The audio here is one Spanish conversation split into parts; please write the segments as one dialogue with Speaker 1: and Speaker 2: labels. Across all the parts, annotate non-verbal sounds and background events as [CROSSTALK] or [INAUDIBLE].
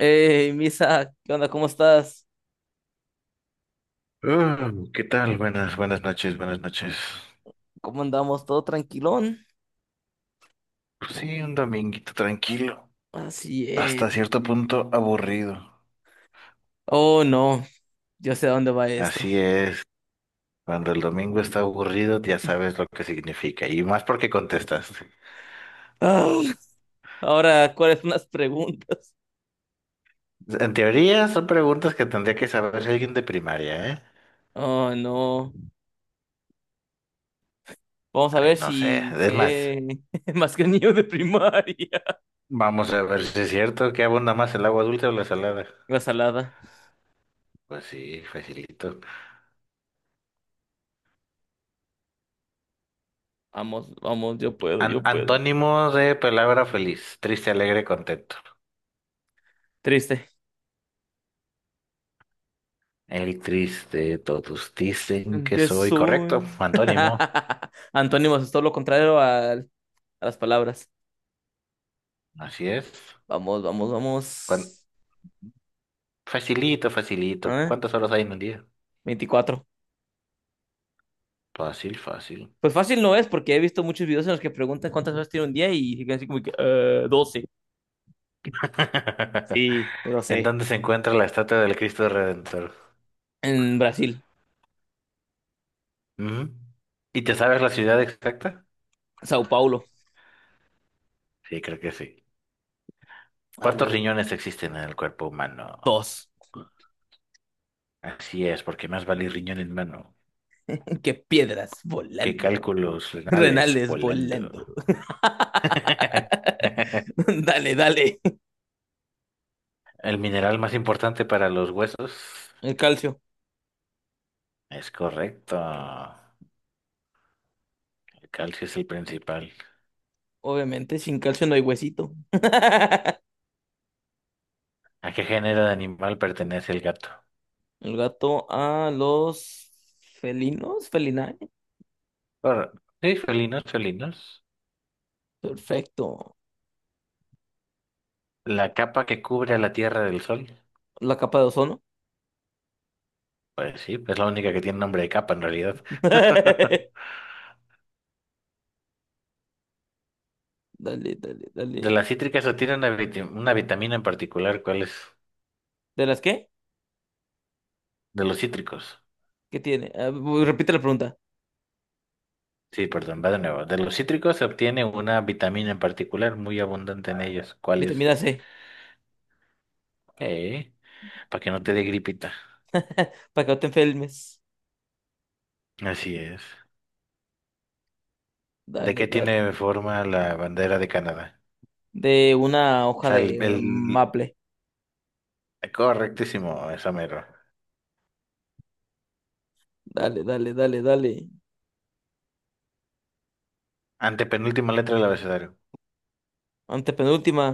Speaker 1: Hey, Misa, ¿qué onda? ¿Cómo estás?
Speaker 2: Ah, ¿qué tal? Buenas noches, buenas noches.
Speaker 1: ¿Cómo andamos? ¿Todo tranquilón?
Speaker 2: Pues sí, un dominguito tranquilo,
Speaker 1: Así es.
Speaker 2: hasta cierto punto aburrido.
Speaker 1: Oh, no, yo sé a dónde va esto.
Speaker 2: Así es, cuando el domingo está aburrido ya sabes lo que significa, y más porque contestas.
Speaker 1: Ah, ahora, ¿cuáles son las preguntas?
Speaker 2: En teoría son preguntas que tendría que saber alguien de primaria, ¿eh?
Speaker 1: Oh, no. Vamos a
Speaker 2: Ay,
Speaker 1: ver
Speaker 2: no sé,
Speaker 1: si
Speaker 2: es más,
Speaker 1: sé [LAUGHS] más que el niño de primaria.
Speaker 2: vamos a ver si es cierto que abunda más el agua dulce o la salada.
Speaker 1: La salada.
Speaker 2: Pues sí, facilito.
Speaker 1: Vamos, yo puedo, yo puedo.
Speaker 2: Antónimo de palabra feliz, triste, alegre, contento.
Speaker 1: Triste.
Speaker 2: El triste, todos dicen
Speaker 1: ¿En
Speaker 2: que
Speaker 1: qué
Speaker 2: soy correcto,
Speaker 1: soy?
Speaker 2: antónimo,
Speaker 1: [LAUGHS] Antónimos es todo lo contrario a las palabras.
Speaker 2: así es.
Speaker 1: Vamos, vamos,
Speaker 2: Cuan-
Speaker 1: vamos.
Speaker 2: Facilito, facilito.
Speaker 1: ¿Ah?
Speaker 2: ¿Cuántas horas hay en un día?
Speaker 1: 24.
Speaker 2: Fácil, fácil.
Speaker 1: Pues fácil no es, porque he visto muchos videos en los que preguntan cuántas horas tiene un día y dicen así como que, 12.
Speaker 2: [LAUGHS]
Speaker 1: Sí, lo
Speaker 2: ¿En
Speaker 1: sé.
Speaker 2: dónde se encuentra la estatua del Cristo Redentor?
Speaker 1: En Brasil,
Speaker 2: Ujú. ¿Y te sabes la ciudad exacta?
Speaker 1: Sao Paulo,
Speaker 2: Sí, creo que sí.
Speaker 1: a
Speaker 2: ¿Cuántos
Speaker 1: huevo.
Speaker 2: riñones existen en el cuerpo humano?
Speaker 1: Dos.
Speaker 2: Así es, porque más vale riñón en mano
Speaker 1: Qué piedras
Speaker 2: que
Speaker 1: volando.
Speaker 2: cálculos renales
Speaker 1: Renales
Speaker 2: volando.
Speaker 1: volando.
Speaker 2: [LAUGHS]
Speaker 1: [LAUGHS] Dale.
Speaker 2: ¿El mineral más importante para los huesos?
Speaker 1: El calcio.
Speaker 2: Es correcto. El calcio es el principal.
Speaker 1: Obviamente, sin calcio no hay huesito. [LAUGHS]
Speaker 2: ¿A qué género de animal pertenece el gato?
Speaker 1: El gato a los felinos, felinae.
Speaker 2: Por... Sí, felinos, felinos.
Speaker 1: Perfecto.
Speaker 2: La capa que cubre a la Tierra del Sol.
Speaker 1: La capa de ozono.
Speaker 2: Pues sí, es la única que tiene nombre de capa en realidad.
Speaker 1: [LAUGHS] Dale,
Speaker 2: [LAUGHS]
Speaker 1: dale.
Speaker 2: De las cítricas o tiene una, una vitamina en particular, ¿cuál es?
Speaker 1: ¿De las qué?
Speaker 2: De los cítricos.
Speaker 1: ¿Qué tiene? Ah, repite la pregunta.
Speaker 2: Sí, perdón, va de nuevo. De los cítricos se obtiene una vitamina en particular muy abundante en ellos. ¿Cuál es?
Speaker 1: Vitamina C.
Speaker 2: Eh, para que no te dé gripita.
Speaker 1: [LAUGHS] Para que no te enfermes.
Speaker 2: Así es. ¿De
Speaker 1: Dale,
Speaker 2: qué
Speaker 1: dale.
Speaker 2: tiene forma la bandera de Canadá?
Speaker 1: De una
Speaker 2: O
Speaker 1: hoja
Speaker 2: sea, el,
Speaker 1: de
Speaker 2: el-
Speaker 1: maple.
Speaker 2: correctísimo, esa mero.
Speaker 1: Dale.
Speaker 2: Antepenúltima letra del abecedario.
Speaker 1: Antepenúltima.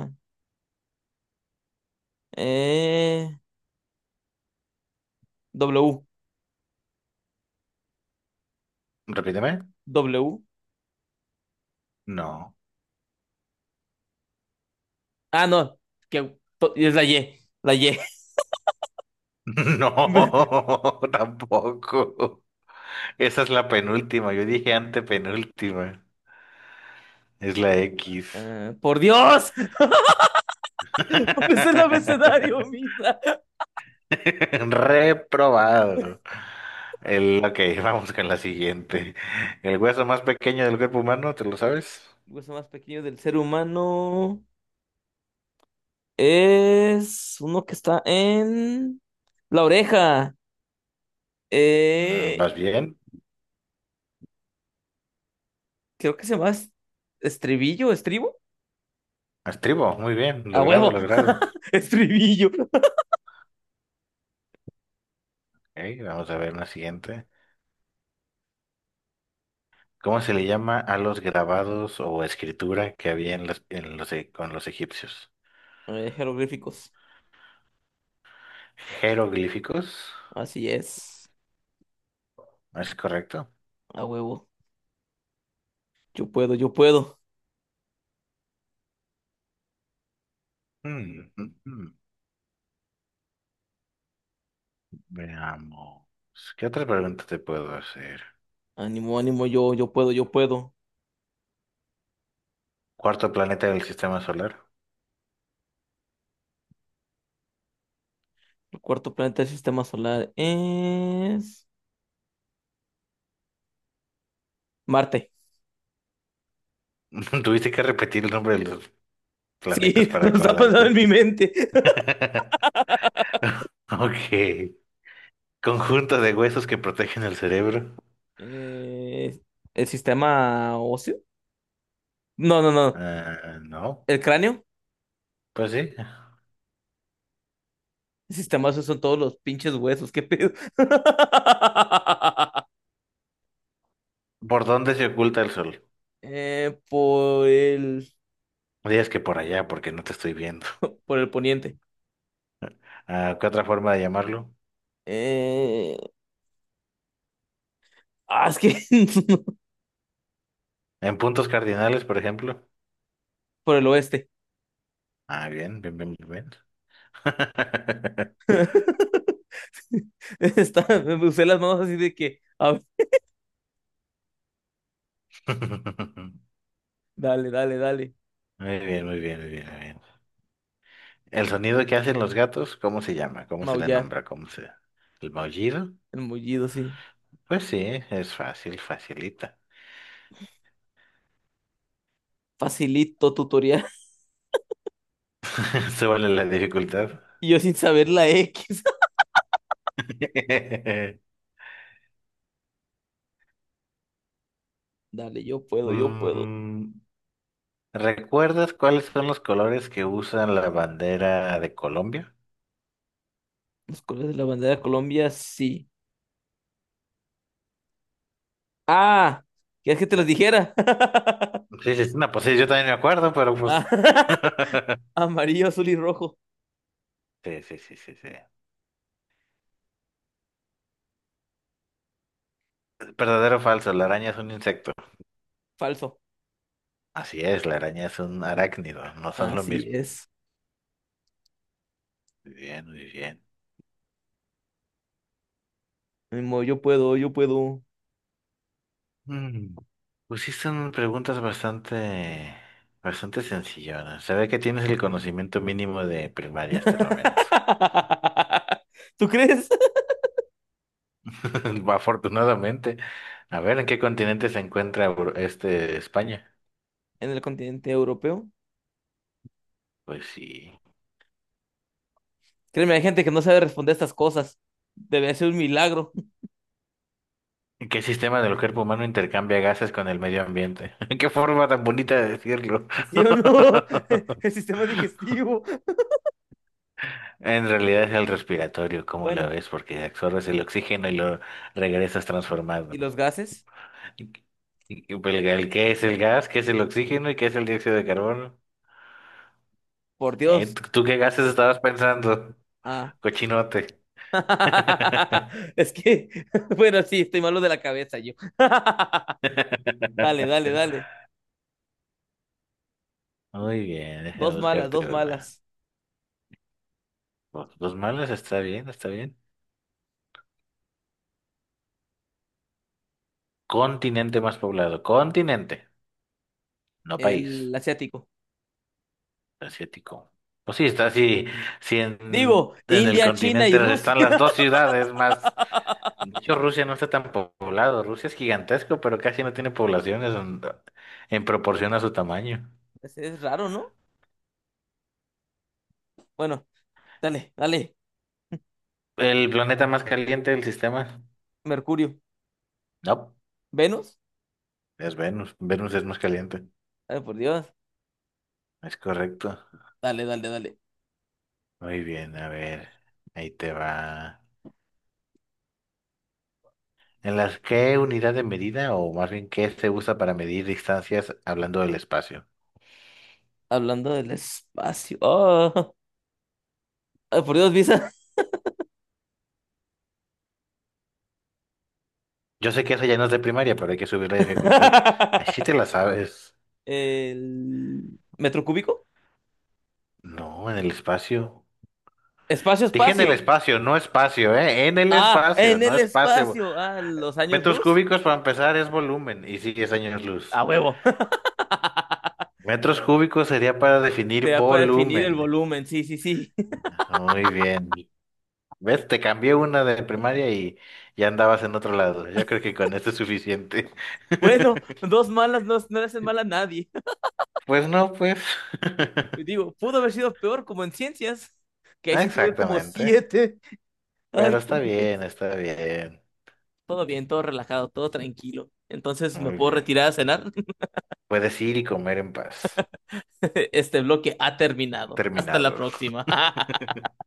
Speaker 1: Eh, W.
Speaker 2: Repíteme.
Speaker 1: W.
Speaker 2: No.
Speaker 1: Ah, no. Es la Y. La Y.
Speaker 2: [LAUGHS]
Speaker 1: [LAUGHS]
Speaker 2: No, tampoco. Esa es la penúltima. Yo dije antepenúltima. Es la X.
Speaker 1: Ah, por Dios. [LAUGHS] No me el abecedario,
Speaker 2: [LAUGHS]
Speaker 1: mira.
Speaker 2: Reprobado. El, ok, vamos con la siguiente. El hueso más pequeño del cuerpo humano, ¿te lo
Speaker 1: El
Speaker 2: sabes?
Speaker 1: hueso más pequeño del ser humano es uno que está en la oreja.
Speaker 2: Mm,
Speaker 1: Eh,
Speaker 2: ¿vas bien?
Speaker 1: Creo que se llama estribo.
Speaker 2: Estribo, muy bien,
Speaker 1: A
Speaker 2: logrado,
Speaker 1: huevo,
Speaker 2: logrado.
Speaker 1: [LAUGHS] estribillo.
Speaker 2: Ok, vamos a ver la siguiente. ¿Cómo se le llama a los grabados o escritura que había en los, con los egipcios?
Speaker 1: Jeroglíficos,
Speaker 2: ¿Jeroglíficos?
Speaker 1: así es,
Speaker 2: ¿Es correcto?
Speaker 1: a huevo. Yo puedo.
Speaker 2: Mm, mm, mm. Veamos. ¿Qué otra pregunta te puedo hacer?
Speaker 1: Ánimo, yo puedo.
Speaker 2: ¿Cuarto planeta del sistema solar?
Speaker 1: El cuarto planeta del sistema solar es Marte.
Speaker 2: [LAUGHS] ¿Tuviste que repetir el nombre de los planetas
Speaker 1: Sí, [LAUGHS]
Speaker 2: para
Speaker 1: lo está pasando en
Speaker 2: acordarte?
Speaker 1: mi mente.
Speaker 2: [LAUGHS] Ok. ¿Conjunto de huesos que protegen el cerebro?
Speaker 1: Eh, el sistema óseo. No, no, no.
Speaker 2: Ah, no.
Speaker 1: El cráneo.
Speaker 2: Pues sí.
Speaker 1: El sistema óseo son todos los pinches huesos. ¿Qué pedo? [LAUGHS]
Speaker 2: ¿Por dónde se oculta el sol?
Speaker 1: Por el
Speaker 2: Dirías que por allá, porque no te estoy viendo.
Speaker 1: [LAUGHS] Por el poniente.
Speaker 2: Ah, ¿qué otra forma de llamarlo?
Speaker 1: Eh, ah, es que [LAUGHS]
Speaker 2: ¿En puntos cardinales, por ejemplo?
Speaker 1: Por el oeste.
Speaker 2: Ah, bien, bien, bien, bien, bien.
Speaker 1: [LAUGHS] Está, me usé las manos así de que, a ver,
Speaker 2: [LAUGHS]
Speaker 1: dale.
Speaker 2: Muy bien, muy bien, muy bien, muy bien. ¿El sonido que hacen los gatos? ¿Cómo se llama? ¿Cómo se le
Speaker 1: Maullar,
Speaker 2: nombra? ¿Cómo se...? ¿El maullido?
Speaker 1: el mullido, sí.
Speaker 2: Pues sí, es fácil, facilita.
Speaker 1: Facilito tutorial. [LAUGHS]
Speaker 2: [LAUGHS] Súbale la dificultad.
Speaker 1: Y yo sin saber la X.
Speaker 2: [LAUGHS]
Speaker 1: [LAUGHS] Dale, yo puedo, yo puedo.
Speaker 2: Mm, ¿recuerdas cuáles son los colores que usan la bandera de Colombia?
Speaker 1: Los colores de la bandera de Colombia, sí. Ah, ¿quieres que te los dijera? [LAUGHS]
Speaker 2: Sí, sí, sí, no, pues sí, yo también me acuerdo, pero pues.
Speaker 1: Ah,
Speaker 2: [LAUGHS]
Speaker 1: [LAUGHS] amarillo, azul y rojo.
Speaker 2: Sí, sí, sí, sí, sí. Verdadero o falso, la araña es un insecto.
Speaker 1: Falso.
Speaker 2: Así es, la araña es un arácnido, no son lo
Speaker 1: Así
Speaker 2: mismo.
Speaker 1: es.
Speaker 2: Muy bien, muy bien.
Speaker 1: Ni modo, yo puedo, yo puedo.
Speaker 2: Mm. Preguntas bastante sencillonas. Se ve que tienes el conocimiento mínimo de primaria hasta el momento.
Speaker 1: [LAUGHS] ¿Tú crees?
Speaker 2: [LAUGHS] Afortunadamente. A ver, ¿en qué continente se encuentra España?
Speaker 1: En el continente europeo.
Speaker 2: Pues sí.
Speaker 1: Créeme, hay gente que no sabe responder estas cosas. Debe ser un milagro.
Speaker 2: ¿Qué sistema del cuerpo humano intercambia gases con el medio ambiente? [LAUGHS] Qué forma tan bonita de decirlo.
Speaker 1: [LAUGHS] ¿Sí o
Speaker 2: [LAUGHS]
Speaker 1: no? [LAUGHS] El sistema digestivo.
Speaker 2: En realidad es el respiratorio, ¿cómo lo
Speaker 1: Bueno,
Speaker 2: ves? Porque absorbes el oxígeno y lo regresas transformado.
Speaker 1: ¿y los gases?
Speaker 2: ¿Y- y pues, el qué es el gas? ¿Qué es el oxígeno? ¿Y qué es el dióxido de carbono?
Speaker 1: Por
Speaker 2: ¿Eh?
Speaker 1: Dios.
Speaker 2: ¿Tú qué gases estabas pensando?
Speaker 1: Ah.
Speaker 2: Cochinote. [LAUGHS]
Speaker 1: [LAUGHS] Es que, [LAUGHS] bueno, sí, estoy malo de la cabeza yo. [LAUGHS] Dale.
Speaker 2: Muy bien, déjame
Speaker 1: Dos malas,
Speaker 2: buscarte
Speaker 1: dos
Speaker 2: una.
Speaker 1: malas.
Speaker 2: Los malos está bien, está bien. Continente más poblado. Continente, no país.
Speaker 1: El asiático.
Speaker 2: Asiático. Pues sí, está así. Si en,
Speaker 1: Digo,
Speaker 2: en el
Speaker 1: India, China y
Speaker 2: continente
Speaker 1: Rusia.
Speaker 2: están las
Speaker 1: [LAUGHS]
Speaker 2: dos ciudades más. De hecho, Rusia no está tan poblado. Rusia es gigantesco, pero casi no tiene poblaciones en proporción a su tamaño.
Speaker 1: Es raro, ¿no? Bueno, dale.
Speaker 2: ¿El planeta más caliente del sistema?
Speaker 1: Mercurio.
Speaker 2: No,
Speaker 1: Venus.
Speaker 2: es Venus. Venus es más caliente.
Speaker 1: Ay, por Dios.
Speaker 2: Es correcto.
Speaker 1: Dale.
Speaker 2: Muy bien, a ver. Ahí te va. ¿En las Qué unidad de medida o más bien qué se usa para medir distancias hablando del espacio?
Speaker 1: Hablando del espacio. Oh, [LAUGHS] ay, por Dios, Visa.
Speaker 2: Yo sé que eso ya no es de primaria, pero hay que subir la dificultad.
Speaker 1: [LAUGHS]
Speaker 2: Así te la sabes.
Speaker 1: El metro cúbico.
Speaker 2: No, en el espacio.
Speaker 1: Espacio,
Speaker 2: Dije en el
Speaker 1: espacio.
Speaker 2: espacio, no espacio, ¿eh? En el
Speaker 1: Ah,
Speaker 2: espacio,
Speaker 1: en
Speaker 2: no
Speaker 1: el
Speaker 2: espacio.
Speaker 1: espacio. Ah, los años
Speaker 2: Metros
Speaker 1: luz.
Speaker 2: cúbicos para empezar es volumen y sí, es años
Speaker 1: A
Speaker 2: luz.
Speaker 1: huevo. [LAUGHS]
Speaker 2: Metros cúbicos sería para definir
Speaker 1: Te da para definir el
Speaker 2: volumen.
Speaker 1: volumen. Sí, sí, sí. [LAUGHS]
Speaker 2: Muy bien. ¿Ves? Te cambié una de primaria y ya andabas en otro lado. Yo creo que con esto es suficiente.
Speaker 1: Bueno,
Speaker 2: [LAUGHS]
Speaker 1: dos malas no, no le hacen mal a nadie.
Speaker 2: Pues no, pues.
Speaker 1: [LAUGHS]
Speaker 2: [LAUGHS]
Speaker 1: Digo, pudo haber sido peor como en ciencias, que ahí sí tuve como
Speaker 2: Exactamente.
Speaker 1: 7. Ay,
Speaker 2: Pero está
Speaker 1: por Dios.
Speaker 2: bien, está bien.
Speaker 1: Todo bien, todo relajado, todo tranquilo. Entonces, ¿me
Speaker 2: Muy
Speaker 1: puedo
Speaker 2: bien.
Speaker 1: retirar a cenar?
Speaker 2: Puedes ir y comer en paz.
Speaker 1: [LAUGHS] Este bloque ha terminado. Hasta la
Speaker 2: Terminado.
Speaker 1: próxima. [LAUGHS]
Speaker 2: [LAUGHS]